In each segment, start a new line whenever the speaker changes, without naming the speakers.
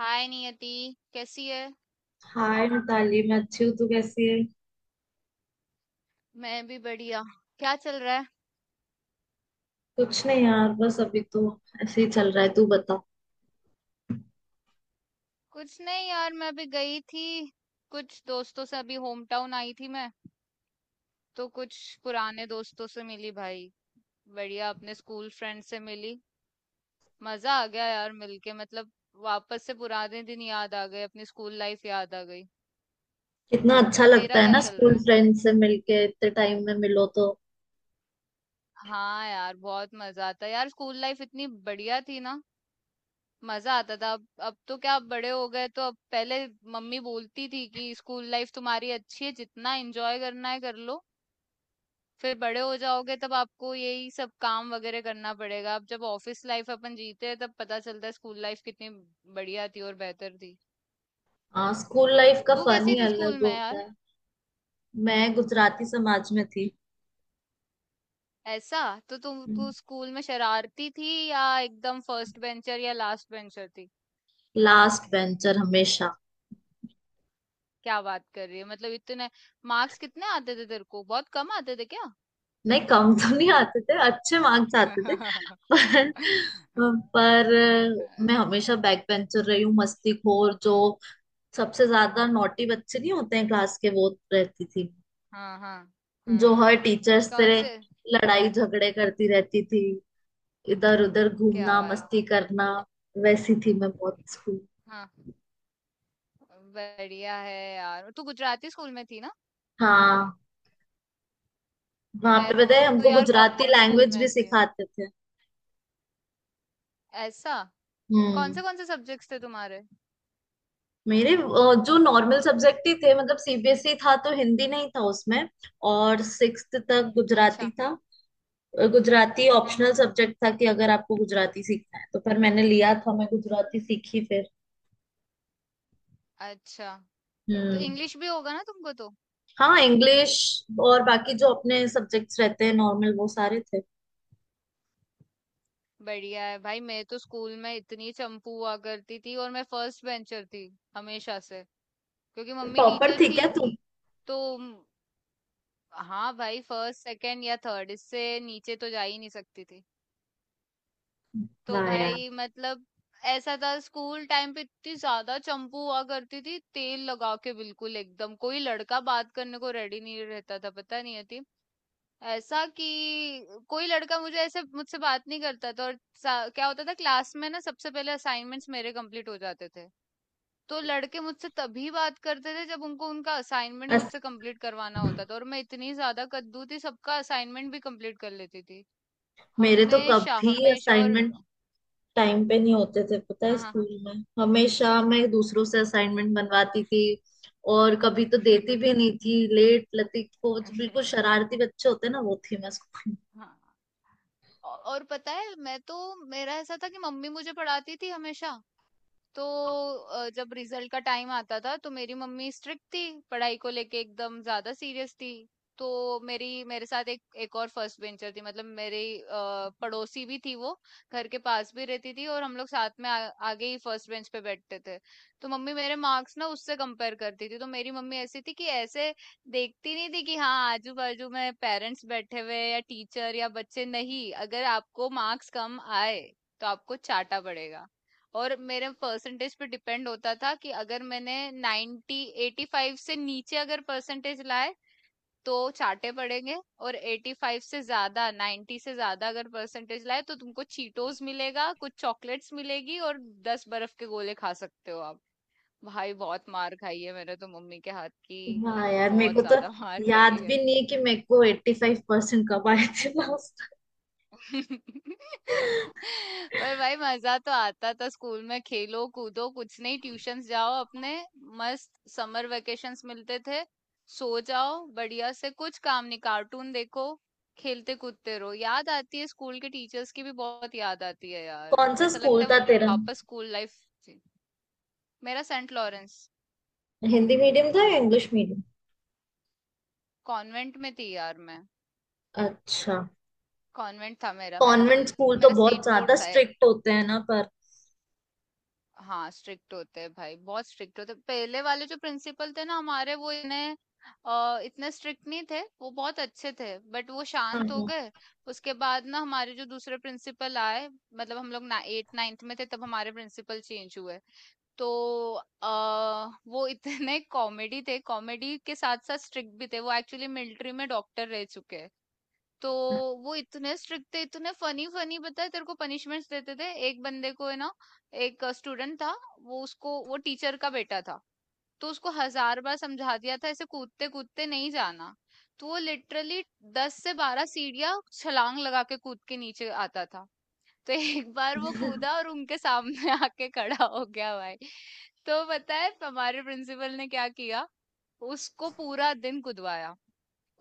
हाय नियति, कैसी है।
हाय मिताली, मैं अच्छी हूँ। तू कैसी है?
मैं भी बढ़िया। क्या चल रहा है।
कुछ नहीं यार, बस अभी तो ऐसे ही चल रहा है। तू बता।
कुछ नहीं यार, मैं अभी गई थी कुछ दोस्तों से, अभी होम टाउन आई थी मैं, तो कुछ पुराने दोस्तों से मिली भाई। बढ़िया, अपने स्कूल फ्रेंड से मिली। मजा आ गया यार मिलके, मतलब वापस से पुराने दिन याद आ गए, अपनी स्कूल लाइफ याद आ गई।
कितना
तू,
अच्छा लगता
तेरा
है
क्या
ना
चल
स्कूल
रहा है।
फ्रेंड से मिलके, इतने टाइम में मिलो तो।
हाँ यार, बहुत मजा आता है यार, स्कूल लाइफ इतनी बढ़िया थी ना। मजा आता था। अब तो क्या, अब बड़े हो गए, तो अब पहले मम्मी बोलती थी कि स्कूल लाइफ तुम्हारी अच्छी है, जितना एंजॉय करना है कर लो, फिर बड़े हो जाओगे तब आपको यही सब काम वगैरह करना पड़ेगा। अब जब ऑफिस लाइफ अपन जीते हैं तब पता चलता है स्कूल लाइफ कितनी बढ़िया थी और बेहतर थी।
हाँ, स्कूल लाइफ का
तू
फन
कैसी
ही
थी स्कूल
अलग
में
होता
यार।
है। मैं गुजराती समाज में थी।
ऐसा। तो तुम तू स्कूल में शरारती थी या एकदम फर्स्ट बेंचर या लास्ट बेंचर थी।
लास्ट बेंचर हमेशा।
क्या बात कर रही है, मतलब इतने मार्क्स कितने आते थे तेरे को, बहुत कम आते थे क्या।
नहीं, कम तो नहीं आते थे, अच्छे मार्क्स आते थे। पर पर
हाँ,
मैं हमेशा बैक बेंचर रही हूँ। मस्ती खोर जो सबसे ज्यादा नॉटी बच्चे नहीं होते हैं क्लास के, वो रहती थी।
हाँ,
जो
हाँ।
हर टीचर
कौन
से
से।
लड़ाई झगड़े करती रहती थी, इधर उधर
क्या
घूमना,
बात
मस्ती
है।
करना। वैसी थी मैं बहुत स्कूल।
हाँ। बढ़िया है यार, तू गुजराती स्कूल में थी ना।
हाँ, वहां
मैं
पे पता है
तो
हमको
यार
गुजराती
कॉन्वेंट स्कूल
लैंग्वेज भी
में थी।
सिखाते थे।
ऐसा।
हम्म।
कौन से सब्जेक्ट्स थे तुम्हारे।
मेरे जो नॉर्मल सब्जेक्ट ही थे। मतलब सीबीएसई था तो हिंदी नहीं था उसमें, और 6th तक गुजराती
अच्छा।
था। गुजराती
हम्म,
ऑप्शनल
हम्म।
सब्जेक्ट था कि अगर आपको गुजराती सीखना है तो। पर मैंने लिया था, मैं गुजराती सीखी फिर।
अच्छा। तो
हम्म।
इंग्लिश भी होगा ना तुमको तो।
हाँ, इंग्लिश और बाकी जो अपने सब्जेक्ट्स रहते हैं नॉर्मल, वो सारे थे।
बढ़िया है भाई, मैं तो स्कूल में इतनी चंपू हुआ करती थी और मैं फर्स्ट बेंचर थी हमेशा से, क्योंकि मम्मी
टॉपर
टीचर
थी
थी।
क्या तू?
तो हाँ भाई, फर्स्ट, सेकंड या थर्ड, इससे नीचे तो जा ही नहीं सकती थी। तो
वाह यार!
भाई मतलब ऐसा था, स्कूल टाइम पे इतनी ज्यादा चंपू हुआ करती थी तेल लगा के बिल्कुल एकदम, कोई लड़का बात करने को रेडी नहीं रहता था, पता नहीं होती ऐसा कि कोई लड़का मुझे ऐसे मुझसे बात नहीं करता था। और क्या होता था क्लास में ना, सबसे पहले असाइनमेंट्स मेरे कंप्लीट हो जाते थे, तो लड़के मुझसे तभी बात करते थे जब उनको उनका असाइनमेंट
अस,
मुझसे कंप्लीट करवाना होता था, और मैं इतनी ज्यादा कद्दू थी, सबका असाइनमेंट भी कंप्लीट कर लेती थी
मेरे तो
हमेशा
कभी
हमेशा। और
असाइनमेंट टाइम पे नहीं होते थे। पता है,
हाँ, हाँ।
स्कूल में हमेशा मैं दूसरों से असाइनमेंट बनवाती थी, और कभी तो देती भी नहीं थी लेट लतीफ को। जो बिल्कुल शरारती बच्चे होते हैं ना, वो थी मैं स्कूल
हाँ। और पता है मैं तो, मेरा ऐसा था कि मम्मी मुझे पढ़ाती थी हमेशा। तो जब रिजल्ट का टाइम आता था तो मेरी मम्मी स्ट्रिक्ट थी, पढ़ाई को लेके एकदम ज्यादा सीरियस थी। तो मेरी मेरे साथ एक एक और फर्स्ट बेंचर थी, मतलब मेरी पड़ोसी भी थी, वो घर के पास भी रहती थी, और हम लोग साथ में आगे ही फर्स्ट बेंच पे बैठते थे। तो मम्मी मेरे मार्क्स ना उससे कंपेयर करती थी, तो मेरी मम्मी ऐसी थी कि ऐसे देखती नहीं थी कि हाँ आजू बाजू में पेरेंट्स बैठे हुए हैं या टीचर या बच्चे, नहीं, अगर आपको मार्क्स कम आए तो आपको चाटा पड़ेगा। और मेरे परसेंटेज पे डिपेंड होता था, कि अगर मैंने 90, 85 से नीचे अगर परसेंटेज लाए तो चाटे पड़ेंगे, और 85 से ज्यादा, 90 से ज्यादा अगर परसेंटेज लाए तो तुमको चीटोस मिलेगा, कुछ चॉकलेट्स मिलेगी, और 10 बर्फ के गोले खा सकते हो आप। भाई बहुत मार खाई है मैंने तो मम्मी के हाथ की,
में। वाह यार, मेरे
बहुत
को तो
ज्यादा मार खाई
याद
है।
भी नहीं है कि मेरे को 85% कब आए थे last।
पर भाई मजा तो आता था स्कूल में, खेलो कूदो, कुछ नहीं, ट्यूशंस जाओ अपने, मस्त समर वेकेशंस मिलते थे, सो जाओ बढ़िया से, कुछ काम नहीं, कार्टून देखो, खेलते कूदते रहो। याद आती है स्कूल के टीचर्स की भी, बहुत याद आती है यार।
कौन सा
ऐसा
स्कूल
लगता है
था तेरा?
वापस स्कूल लाइफ। मेरा सेंट लॉरेंस।
हिंदी मीडियम था या इंग्लिश मीडियम?
कॉन्वेंट में थी यार मैं।
अच्छा।
कॉन्वेंट था मेरा मेरा,
कॉन्वेंट
मतलब
स्कूल तो
मेरा
बहुत
स्टेट बोर्ड
ज्यादा
था।
स्ट्रिक्ट होते हैं ना पर।
हाँ, स्ट्रिक्ट होते हैं भाई, बहुत स्ट्रिक्ट होते हैं। पहले वाले जो प्रिंसिपल थे ना हमारे, वो इन्हें इतने स्ट्रिक्ट नहीं थे, वो बहुत अच्छे थे, बट वो
हाँ,
शांत हो
हाँ।
गए। उसके बाद ना हमारे जो दूसरे प्रिंसिपल आए, मतलब हम लोग ना एट, नाइन्थ में थे तब हमारे प्रिंसिपल चेंज हुए। तो अ, वो इतने कॉमेडी थे, कॉमेडी के साथ साथ स्ट्रिक्ट भी थे, वो एक्चुअली मिलिट्री में डॉक्टर रह चुके हैं। तो वो इतने स्ट्रिक्ट थे, इतने फनी फनी, पता है तेरे को पनिशमेंट्स देते थे, एक बंदे को है ना, एक स्टूडेंट था, वो उसको वो टीचर का बेटा था। तो उसको हजार बार समझा दिया था ऐसे कूदते कूदते नहीं जाना, तो वो लिटरली 10 से 12 सीढ़ियां छलांग लगा के कूद के नीचे आता था। तो एक बार वो कूदा और उनके सामने आके खड़ा हो गया भाई। तो पता है हमारे प्रिंसिपल ने क्या किया, उसको पूरा दिन कुदवाया,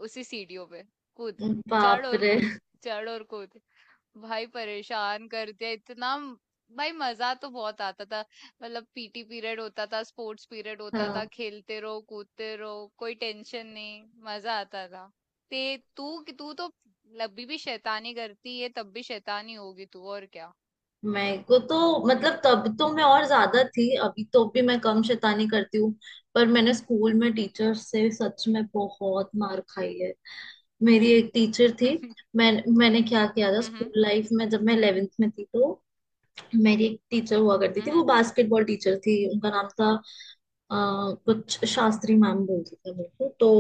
उसी सीढ़ियों पे कूद, चढ़
बाप
और
रे!
कूद, चढ़ और कूद, भाई परेशान कर दिया इतना भाई मजा तो बहुत आता था, मतलब पीटी पीरियड होता था, स्पोर्ट्स पीरियड होता था,
हाँ,
खेलते रहो कूदते रहो, कोई टेंशन नहीं, मजा आता था। ते तू तू तो लब्बी भी शैतानी करती है, तब भी शैतानी होगी तू, और क्या।
मेरे को तो मतलब तब तो मैं और ज्यादा थी। अभी तो भी मैं कम शैतानी करती हूँ, पर मैंने स्कूल में टीचर से सच में बहुत मार खाई है। मेरी एक टीचर थी। मैं मैंने क्या किया था
हम्म,
स्कूल लाइफ में, जब मैं 11th में थी तो मेरी एक टीचर हुआ करती थी, वो
हम्म।
बास्केटबॉल टीचर थी। उनका नाम था अ, कुछ शास्त्री मैम बोलती थी मेरे को। तो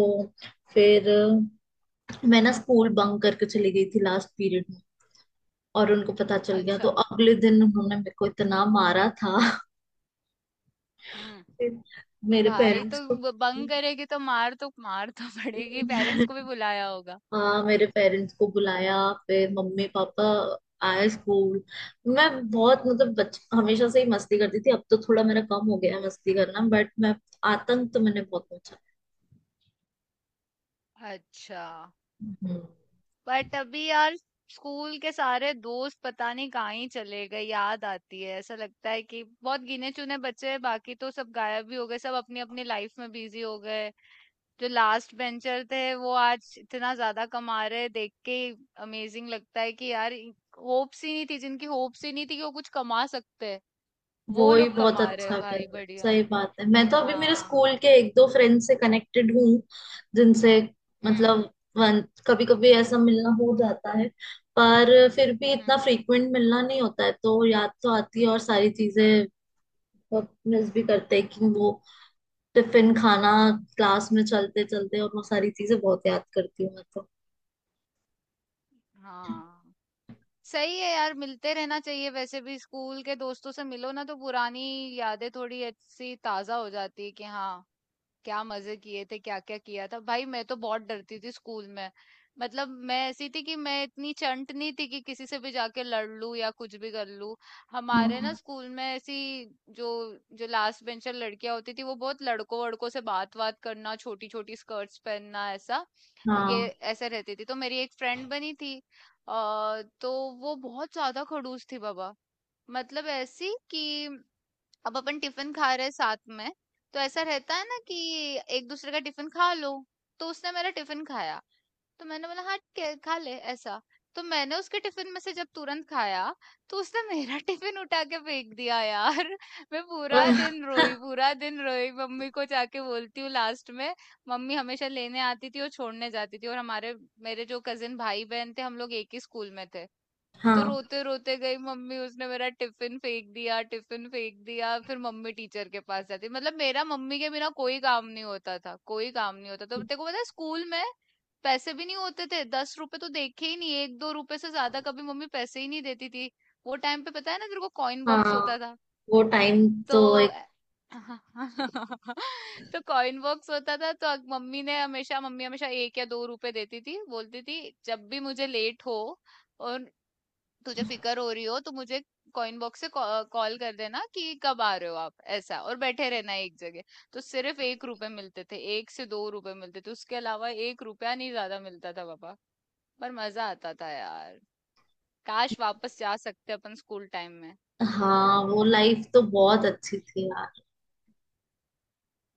फिर मैं ना स्कूल बंक करके चली गई थी लास्ट पीरियड में, और उनको पता चल गया। तो
अच्छा।
अगले दिन उन्होंने मेरे को इतना मारा था।
हम्म।
फिर मेरे
भाई तो
पेरेंट्स को।
बंक करेगी तो मार तो पड़ेगी, पेरेंट्स को भी बुलाया होगा।
हाँ, मेरे पेरेंट्स को बुलाया। फिर मम्मी पापा आए स्कूल। मैं बहुत मतलब बच हमेशा से ही मस्ती करती थी। अब तो थोड़ा मेरा कम हो गया है मस्ती करना, बट मैं आतंक तो मैंने बहुत
अच्छा।
पहुंचा।
बट अभी यार स्कूल के सारे दोस्त पता नहीं कहाँ ही चले गए, याद आती है, ऐसा लगता है कि बहुत गिने चुने बच्चे हैं, बाकी तो सब गायब भी हो गए, सब अपनी अपनी लाइफ में बिजी हो गए। जो लास्ट बेंचर थे वो आज इतना ज्यादा कमा रहे, देख के अमेजिंग लगता है कि यार, होप्स ही नहीं थी जिनकी, होप्स ही नहीं थी कि वो कुछ कमा सकते हैं, वो
वो ही
लोग
बहुत
कमा रहे
अच्छा
हैं
कर
भाई,
रहा है,
बढ़िया।
सही बात है। मैं तो अभी मेरे
हाँ।
स्कूल के एक दो फ्रेंड से कनेक्टेड हूँ, जिनसे
हम्म,
मतलब कभी कभी ऐसा मिलना हो जाता है। पर फिर भी
हम्म।
इतना फ्रीक्वेंट मिलना नहीं होता है, तो याद तो आती है, और सारी चीजें मिस भी करते हैं कि वो टिफिन खाना, क्लास में चलते चलते, और वो सारी चीजें बहुत याद करती हूँ मैं तो।
हाँ। सही है यार, मिलते रहना चाहिए, वैसे भी स्कूल के दोस्तों से मिलो ना तो पुरानी यादें थोड़ी ऐसी ताजा हो जाती है कि हाँ, क्या मजे किए थे, क्या क्या किया था। भाई मैं तो बहुत डरती थी स्कूल में, मतलब मैं ऐसी थी कि मैं इतनी चंट नहीं थी कि किसी से भी जाके लड़ लूं या कुछ भी कर लूं। हमारे ना
हम्म।
स्कूल में ऐसी, जो जो लास्ट बेंचर लड़कियां होती थी, वो बहुत लड़कों वड़कों से बात बात करना, छोटी छोटी स्कर्ट्स पहनना, ऐसा ये
हाँ।
ऐसे रहती थी। तो मेरी एक फ्रेंड बनी थी अ, तो वो बहुत ज्यादा खड़ूस थी बाबा, मतलब ऐसी कि अब अपन टिफिन खा रहे हैं साथ में, तो ऐसा रहता है ना कि एक दूसरे का टिफिन खा लो। तो उसने मेरा टिफिन खाया, तो मैंने बोला हाँ ठीक है, खा ले ऐसा, तो मैंने उसके टिफिन में से जब तुरंत खाया तो उसने मेरा टिफिन उठा के फेंक दिया यार। मैं पूरा दिन रोई, पूरा दिन रोई, मम्मी को जाके बोलती हूँ लास्ट में। मम्मी हमेशा लेने आती थी और छोड़ने जाती थी, और हमारे मेरे जो कजिन भाई बहन थे, हम लोग एक ही स्कूल में थे। तो
हाँ,
रोते रोते गई मम्मी, उसने मेरा टिफिन फेंक दिया, टिफिन फेंक दिया, फिर मम्मी टीचर के पास जाती, मतलब मेरा मम्मी के बिना कोई काम नहीं होता था, कोई काम नहीं होता, तो तेको पता है स्कूल में पैसे भी नहीं होते थे, 10 रुपए तो देखे ही नहीं, एक दो रुपए से ज्यादा कभी मम्मी पैसे ही नहीं देती थी। वो टाइम पे पता है ना तेरे को कॉइन बॉक्स
हाँ।
होता था,
वो टाइम
तो
तो।
तो कॉइन बॉक्स होता था, तो मम्मी हमेशा 1 या 2 रुपए देती थी, बोलती थी जब भी मुझे लेट हो और तुझे फिकर हो रही हो तो मुझे कॉइन बॉक्स से कॉल कर देना कि कब आ रहे हो आप, ऐसा, और बैठे रहना एक जगह। तो सिर्फ 1 रुपए मिलते थे, 1 से 2 रुपए मिलते थे, उसके अलावा 1 रुपया नहीं ज्यादा मिलता था पापा। पर मजा आता था यार, काश वापस जा सकते अपन स्कूल टाइम में।
हाँ, वो लाइफ तो बहुत अच्छी थी यार।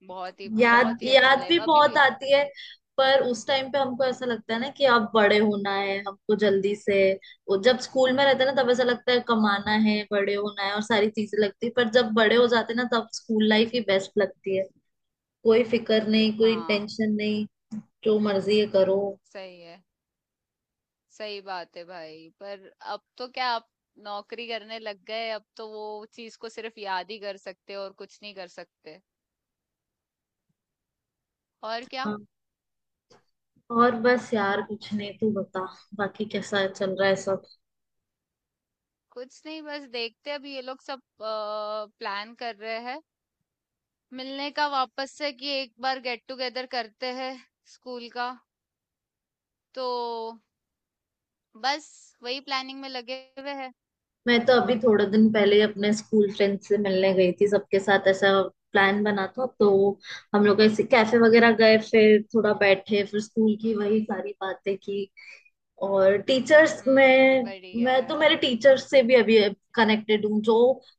बहुत ही,
याद
बहुत ही अच्छी
याद भी
लाइफ अभी
बहुत
भी।
आती है। पर उस टाइम पे हमको ऐसा लगता है ना कि अब बड़े होना है हमको जल्दी से। वो जब स्कूल में रहते हैं ना, तब ऐसा लगता है कमाना है, बड़े होना है, और सारी चीजें लगती है। पर जब बड़े हो जाते हैं ना, तब स्कूल लाइफ ही बेस्ट लगती है। कोई फिक्र नहीं, कोई
हाँ।
टेंशन नहीं, जो मर्जी है करो।
सही है। सही बात है भाई, पर अब तो क्या आप नौकरी करने लग गए, अब तो वो चीज को सिर्फ याद ही कर सकते हो और कुछ नहीं कर सकते, और क्या।
हाँ, और बस यार, कुछ नहीं। तू बता, बाकी कैसा चल रहा है?
कुछ नहीं, बस देखते हैं, अभी ये लोग सब प्लान कर रहे हैं मिलने का वापस से, कि एक बार गेट टुगेदर करते हैं स्कूल का, तो बस वही प्लानिंग में लगे हुए हैं।
मैं तो अभी थोड़े दिन पहले ही अपने स्कूल फ्रेंड से मिलने गई थी सबके साथ। ऐसा प्लान बना था तो हम लोग ऐसे कैफे वगैरह गए, फिर थोड़ा बैठे, फिर स्कूल की वही सारी बातें की और टीचर्स
हम्म,
में।
बढ़िया
मैं तो
है।
मेरे टीचर्स से भी अभी कनेक्टेड हूँ, जो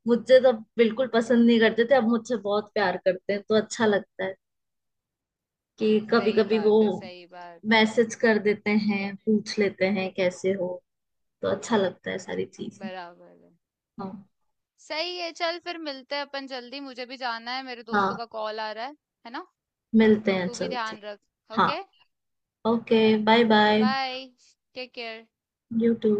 मुझे तब बिल्कुल पसंद नहीं करते थे, अब मुझसे बहुत प्यार करते हैं। तो अच्छा लगता है कि कभी
सही
कभी वो
बात है, सही बात है।
मैसेज कर देते हैं, पूछ लेते हैं कैसे हो। तो अच्छा लगता है सारी चीजें।
बराबर है।
हाँ।
सही है, चल फिर मिलते हैं अपन जल्दी, मुझे भी जाना है, मेरे दोस्तों
हाँ,
का कॉल आ रहा है ना।
मिलते हैं,
तू भी
चलते
ध्यान
हैं।
रख।
हाँ।
Okay.
Okay. Bye bye.
Bye. Take care.
You to.